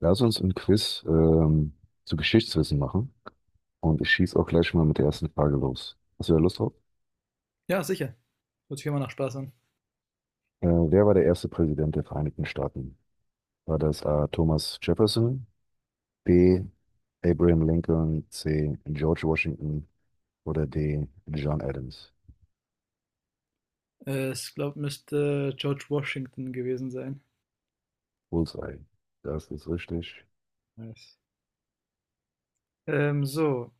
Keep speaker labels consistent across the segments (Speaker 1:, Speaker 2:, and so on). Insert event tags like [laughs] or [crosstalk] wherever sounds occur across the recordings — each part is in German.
Speaker 1: Lass uns ein Quiz zu Geschichtswissen machen. Und ich schieße auch gleich mal mit der ersten Frage los. Hast du da Lust drauf?
Speaker 2: Ja, sicher. Hört sich immer nach Spaß an.
Speaker 1: Wer war der erste Präsident der Vereinigten Staaten? War das A. Thomas Jefferson, B. Abraham Lincoln, C. George Washington oder D. John Adams?
Speaker 2: Ich glaube, müsste George Washington gewesen sein.
Speaker 1: Bullseye. Das ist richtig.
Speaker 2: Nice. Ähm, so,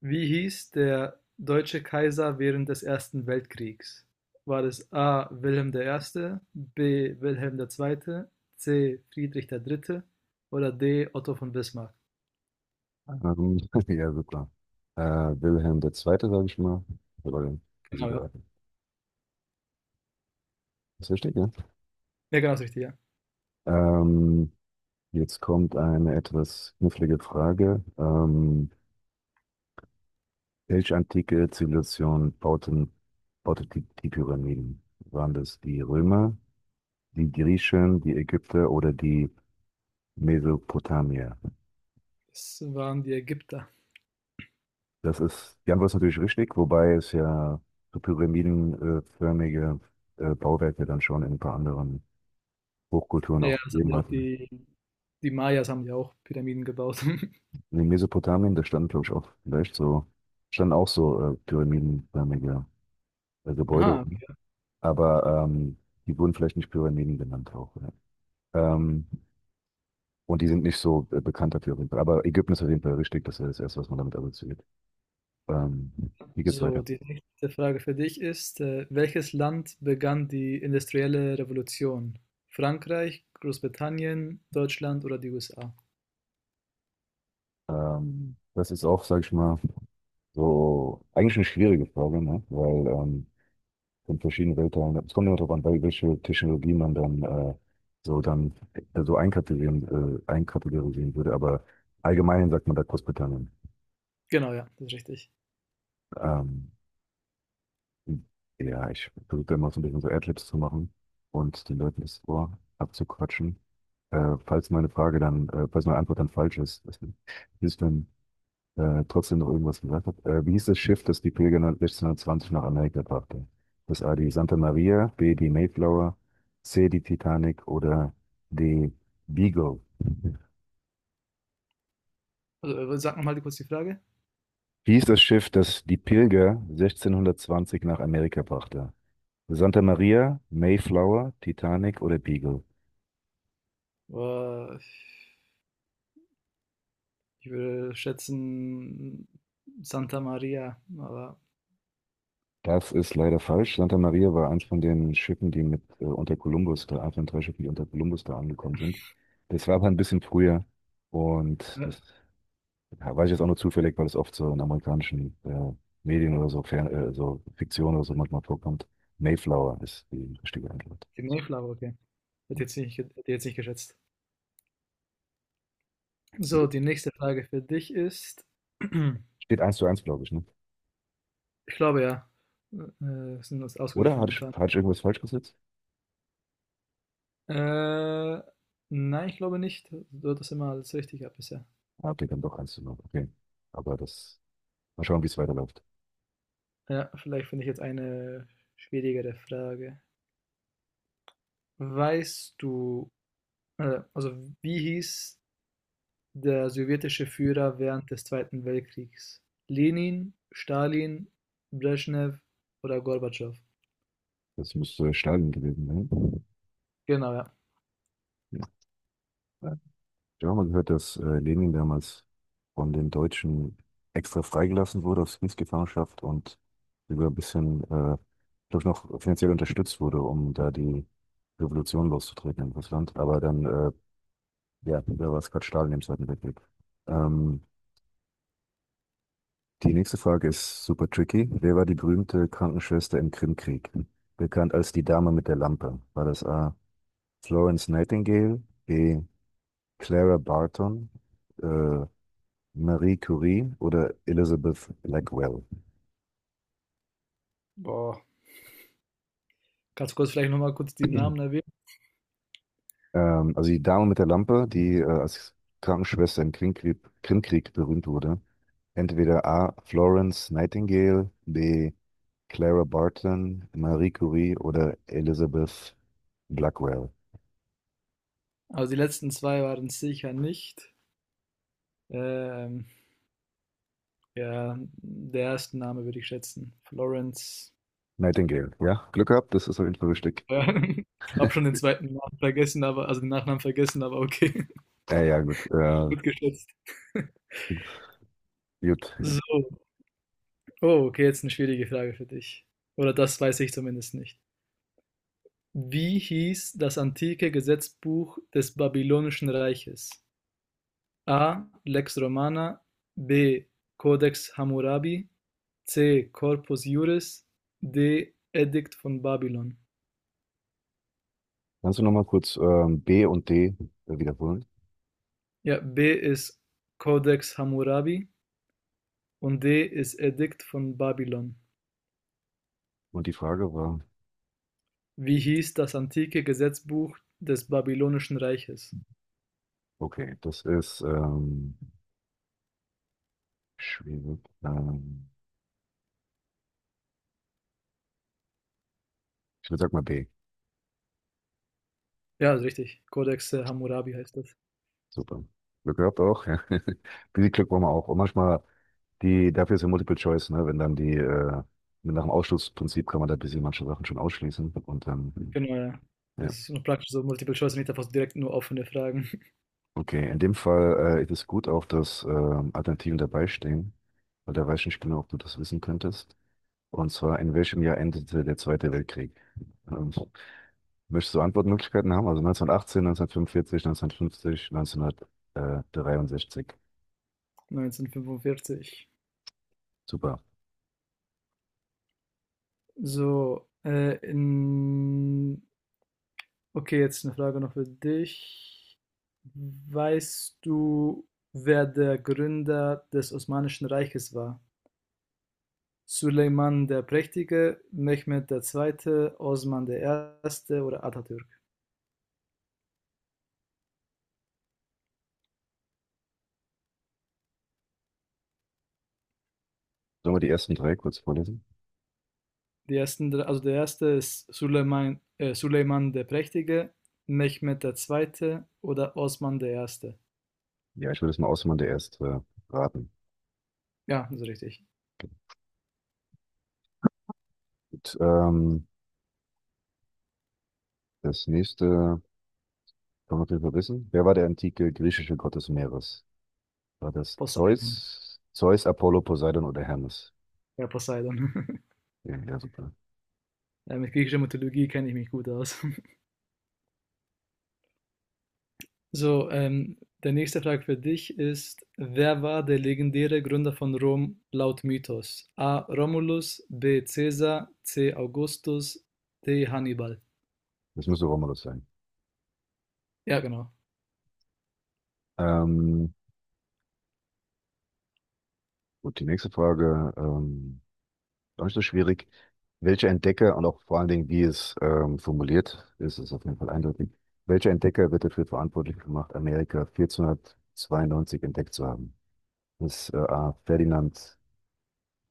Speaker 2: wie hieß der deutsche Kaiser während des Ersten Weltkriegs? War es A. Wilhelm der Erste, B. Wilhelm der Zweite, C. Friedrich der Dritte oder D. Otto von Bismarck?
Speaker 1: Ähm, [laughs] ja, super. Äh, Wilhelm der Zweite, sage ich mal. Oder
Speaker 2: Genau, ja.
Speaker 1: Sieger. Ist richtig, ja?
Speaker 2: Ja, genau, das Richtige, ja.
Speaker 1: Ähm, Jetzt kommt eine etwas knifflige Frage. Welche antike Zivilisation baute die Pyramiden? Waren das die Römer, die Griechen, die Ägypter oder die Mesopotamier?
Speaker 2: Das waren die Ägypter.
Speaker 1: Das ist, die Antwort ist natürlich richtig, wobei es ja so pyramidenförmige Bauwerke dann schon in ein paar anderen Hochkulturen
Speaker 2: Ja, ja,
Speaker 1: auch
Speaker 2: das haben
Speaker 1: gegeben
Speaker 2: ja auch
Speaker 1: hatten.
Speaker 2: die Mayas haben ja auch Pyramiden gebaut. [laughs]
Speaker 1: In Mesopotamien, da standen, glaube ich, auch vielleicht so, standen auch so pyramidenförmige Gebäude.
Speaker 2: Aha, okay.
Speaker 1: Aber die wurden vielleicht nicht Pyramiden genannt auch. Ja. Und die sind nicht so bekannt dafür auf jeden Fall. Aber Ägypten ist auf jeden Fall richtig, das ist das Erste, was man damit assoziiert. Ähm, wie geht's
Speaker 2: So,
Speaker 1: weiter?
Speaker 2: die nächste Frage für dich ist, welches Land begann die industrielle Revolution? Frankreich, Großbritannien, Deutschland oder die USA?
Speaker 1: Das ist auch, sag ich mal, so eigentlich eine schwierige Frage, ne? Weil von verschiedenen Weltteilen, es kommt immer darauf an, welche Technologie man dann so dann so einkategorisieren, einkategorisieren würde, aber allgemein sagt man da Großbritannien.
Speaker 2: Genau, ja, das ist richtig.
Speaker 1: Ähm, Ja, ich versuche da immer so ein bisschen so Adlibs zu machen und den Leuten das Ohr abzuquatschen. Falls meine Antwort dann falsch ist, dass ich dann trotzdem noch irgendwas gesagt hat. Wie hieß das Schiff, das die Pilger 1620 nach Amerika brachte? Das A, die Santa Maria, B, die Mayflower, C, die Titanic oder D, Beagle.
Speaker 2: Also, sag nochmal kurz die Frage.
Speaker 1: Wie hieß das Schiff, das die Pilger 1620 nach Amerika brachte? Santa Maria, Mayflower, Titanic oder Beagle?
Speaker 2: Boah, ich würde schätzen Santa Maria, aber
Speaker 1: Das ist leider falsch. Santa Maria war eins von den Schiffen, die mit unter Kolumbus da, eins von drei Schiffen, die unter Kolumbus da angekommen sind. Das war aber ein bisschen früher, und
Speaker 2: äh,
Speaker 1: das, ja, weiß ich jetzt auch nur zufällig, weil es oft so in amerikanischen Medien oder so, Fern so Fiktion oder so manchmal vorkommt. Mayflower ist die richtige Antwort.
Speaker 2: die Mayflower, okay. Hätte jetzt nicht geschätzt.
Speaker 1: Jo.
Speaker 2: So, die nächste Frage für dich ist, [clears throat] ich
Speaker 1: Steht eins zu eins, glaube ich, ne?
Speaker 2: glaube ja, wir sind uns
Speaker 1: Oder
Speaker 2: ausgeglichen momentan.
Speaker 1: hatte ich irgendwas falsch gesetzt?
Speaker 2: Äh, nein, ich glaube nicht. Du hattest immer alles richtig gehabt bisher.
Speaker 1: Ah, okay, dann doch eins zu null. Okay, aber das, mal schauen, wie es weiterläuft.
Speaker 2: Ja, vielleicht finde ich jetzt eine schwierigere Frage. Weißt du, äh, also wie hieß der sowjetische Führer während des Zweiten Weltkriegs? Lenin, Stalin, Brezhnev oder Gorbatschow?
Speaker 1: Das müsste Stalin gewesen sein.
Speaker 2: Genau, ja.
Speaker 1: Ja. Ich habe mal gehört, dass Lenin damals von den Deutschen extra freigelassen wurde aus Kriegsgefangenschaft und sogar ein bisschen, glaube ich, noch finanziell unterstützt wurde, um da die Revolution loszutreten in Russland. Aber dann, ja, da war es gerade Stalin im Zweiten Weltkrieg. Ähm, die nächste Frage ist super tricky. Wer war die berühmte Krankenschwester im Krimkrieg? Bekannt als die Dame mit der Lampe. War das A. Florence Nightingale, B. Clara Barton, äh, Marie Curie oder Elizabeth Blackwell.
Speaker 2: Boah. Kannst du kurz vielleicht nochmal kurz die Namen?
Speaker 1: Also die Dame mit der Lampe, die als Krankenschwester im Krimkrieg berühmt wurde. Entweder A. Florence Nightingale, B. Clara Barton, Marie Curie oder Elizabeth Blackwell.
Speaker 2: Aber die letzten zwei waren sicher nicht. Ähm, ja, der erste Name würde ich schätzen. Florence.
Speaker 1: Nightingale, ja? Glück gehabt, das ist auf jeden Fall richtig.
Speaker 2: Ja, [laughs] hab schon den zweiten Namen vergessen, aber also den Nachnamen vergessen, aber okay,
Speaker 1: Ja, gut.
Speaker 2: [laughs] gut geschätzt.
Speaker 1: Gut.
Speaker 2: So, oh, okay, jetzt eine schwierige Frage für dich. Oder das weiß ich zumindest nicht. Wie hieß das antike Gesetzbuch des Babylonischen Reiches? A. Lex Romana, B. Codex Hammurabi, C. Corpus Juris, D. Edikt von Babylon.
Speaker 1: Kannst du nochmal kurz B und D wiederholen?
Speaker 2: Ja, B ist Codex Hammurabi und D ist Edikt von Babylon.
Speaker 1: Und die Frage war,
Speaker 2: Wie hieß das antike Gesetzbuch des Babylonischen Reiches?
Speaker 1: okay, das ist schwierig. Ich würde sagen mal B.
Speaker 2: Ja, ist richtig. Codex Hammurabi heißt das.
Speaker 1: Super. Glück gehabt auch. Ja. [laughs] Ein bisschen Glück brauchen wir auch. Und manchmal die, dafür ist ja Multiple Choice, ne? Wenn dann die, mit nach dem Ausschlussprinzip kann man da ein bisschen manche Sachen schon ausschließen. Und dann, hm,
Speaker 2: Genau, ja. Das
Speaker 1: ja.
Speaker 2: ist noch praktisch so Multiple Choice, nicht einfach so direkt nur offene Fragen.
Speaker 1: Okay, in dem Fall ist es gut auch, dass Alternativen dabei stehen, weil da weiß ich nicht genau, ob du das wissen könntest. Und zwar, in welchem Jahr endete der Zweite Weltkrieg? Ähm, möchtest du Antwortmöglichkeiten haben? Also 1918, 1945, 1950, 1963.
Speaker 2: [laughs] 1945.
Speaker 1: Super.
Speaker 2: So, in okay, jetzt eine Frage noch für dich. Weißt du, wer der Gründer des Osmanischen Reiches war? Suleiman der Prächtige, Mehmed der Zweite, Osman der Erste oder Atatürk?
Speaker 1: Sollen wir die ersten drei kurz vorlesen?
Speaker 2: Die ersten, drei- also der erste ist Suleiman, Suleiman der Prächtige, Mehmed der Zweite oder Osman der Erste.
Speaker 1: Ja, ich würde es mal ausmachen, der erste raten.
Speaker 2: Ja, das ist richtig.
Speaker 1: Gut, das nächste kann man auf jeden Fall wissen. Wer war der antike griechische Gott des Meeres? War das
Speaker 2: Poseidon.
Speaker 1: Zeus, Apollo, Poseidon oder Hermes?
Speaker 2: Ja, Poseidon. [laughs]
Speaker 1: Ja, ja, super.
Speaker 2: Ja, mit griechischer Mythologie kenne ich mich gut aus. So, der nächste Frage für dich ist, wer war der legendäre Gründer von Rom laut Mythos? A. Romulus, B. Caesar, C. Augustus, D. Hannibal.
Speaker 1: Das müsste Romulus sein.
Speaker 2: Ja, genau.
Speaker 1: Ähm, gut, die nächste Frage, gar nicht so schwierig. Welcher Entdecker und auch vor allen Dingen, wie es formuliert ist, ist auf jeden Fall eindeutig. Welcher Entdecker wird dafür verantwortlich gemacht, Amerika 1492 entdeckt zu haben? Ist A. Ferdinand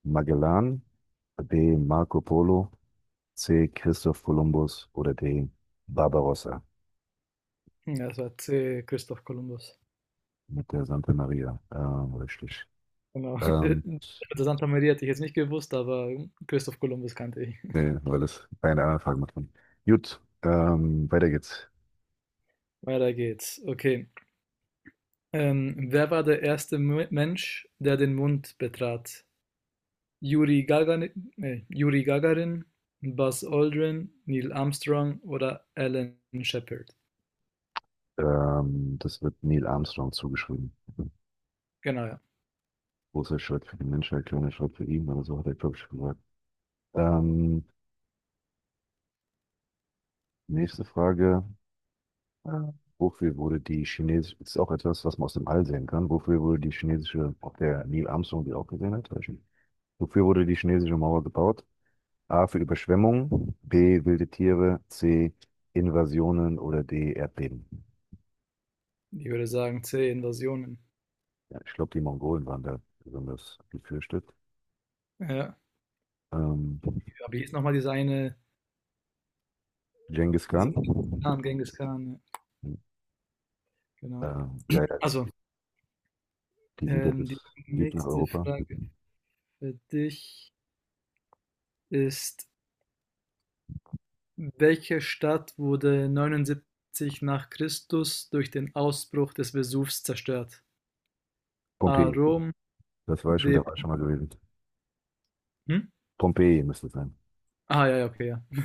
Speaker 1: Magellan, B. Marco Polo, C. Christoph Kolumbus oder D. Barbarossa
Speaker 2: Hm, ja, das war C. Christoph Kolumbus.
Speaker 1: mit der Santa Maria. Richtig.
Speaker 2: Genau.
Speaker 1: Ähm,
Speaker 2: [laughs] Also Santa Maria hätte ich jetzt nicht gewusst, aber Christoph Kolumbus kannte ich. [laughs]
Speaker 1: nee, weil es keine anderen Fragen macht. Gut, weiter geht's.
Speaker 2: Weiter geht's. Okay. Wer war der erste Mensch, der den Mond betrat? Juri Gagarin, Buzz Aldrin, Neil Armstrong oder Alan Shepard.
Speaker 1: Das wird Neil Armstrong zugeschrieben.
Speaker 2: Genau, ja.
Speaker 1: Großer Schritt für die Menschheit, kleiner Schritt für ihn, oder so hat er, glaube ich, gesagt. Ähm, nächste Frage. Ah. Wofür wurde die chinesische, ist auch etwas, was man aus dem All sehen kann, wofür wurde die chinesische, ob der Neil Armstrong die auch gesehen hat, weiß ich nicht. Wofür wurde die chinesische Mauer gebaut? A für Überschwemmung, B wilde Tiere, C Invasionen oder D Erdbeben.
Speaker 2: Ich würde sagen C, Invasionen.
Speaker 1: Ja, ich glaube, die Mongolen waren da besonders gefürchtet.
Speaker 2: Ja.
Speaker 1: Ähm,
Speaker 2: Ja, aber hier ist nochmal diese eine,
Speaker 1: Genghis
Speaker 2: dieser
Speaker 1: Khan,
Speaker 2: Khan, Genghis Khan, ja.
Speaker 1: äh,
Speaker 2: Genau.
Speaker 1: ja, ja,
Speaker 2: Also,
Speaker 1: die sind ja bis
Speaker 2: die
Speaker 1: tief nach
Speaker 2: nächste
Speaker 1: Europa.
Speaker 2: Frage für dich ist, welche Stadt wurde 79 nach Christus durch den Ausbruch des Vesuvs zerstört? A.
Speaker 1: Pompeji,
Speaker 2: Rom,
Speaker 1: das war ich schon,
Speaker 2: B.
Speaker 1: da war ich schon mal gewesen.
Speaker 2: Hm?
Speaker 1: Pompeji müsste es sein.
Speaker 2: Ah, ja, ja, okay, ja.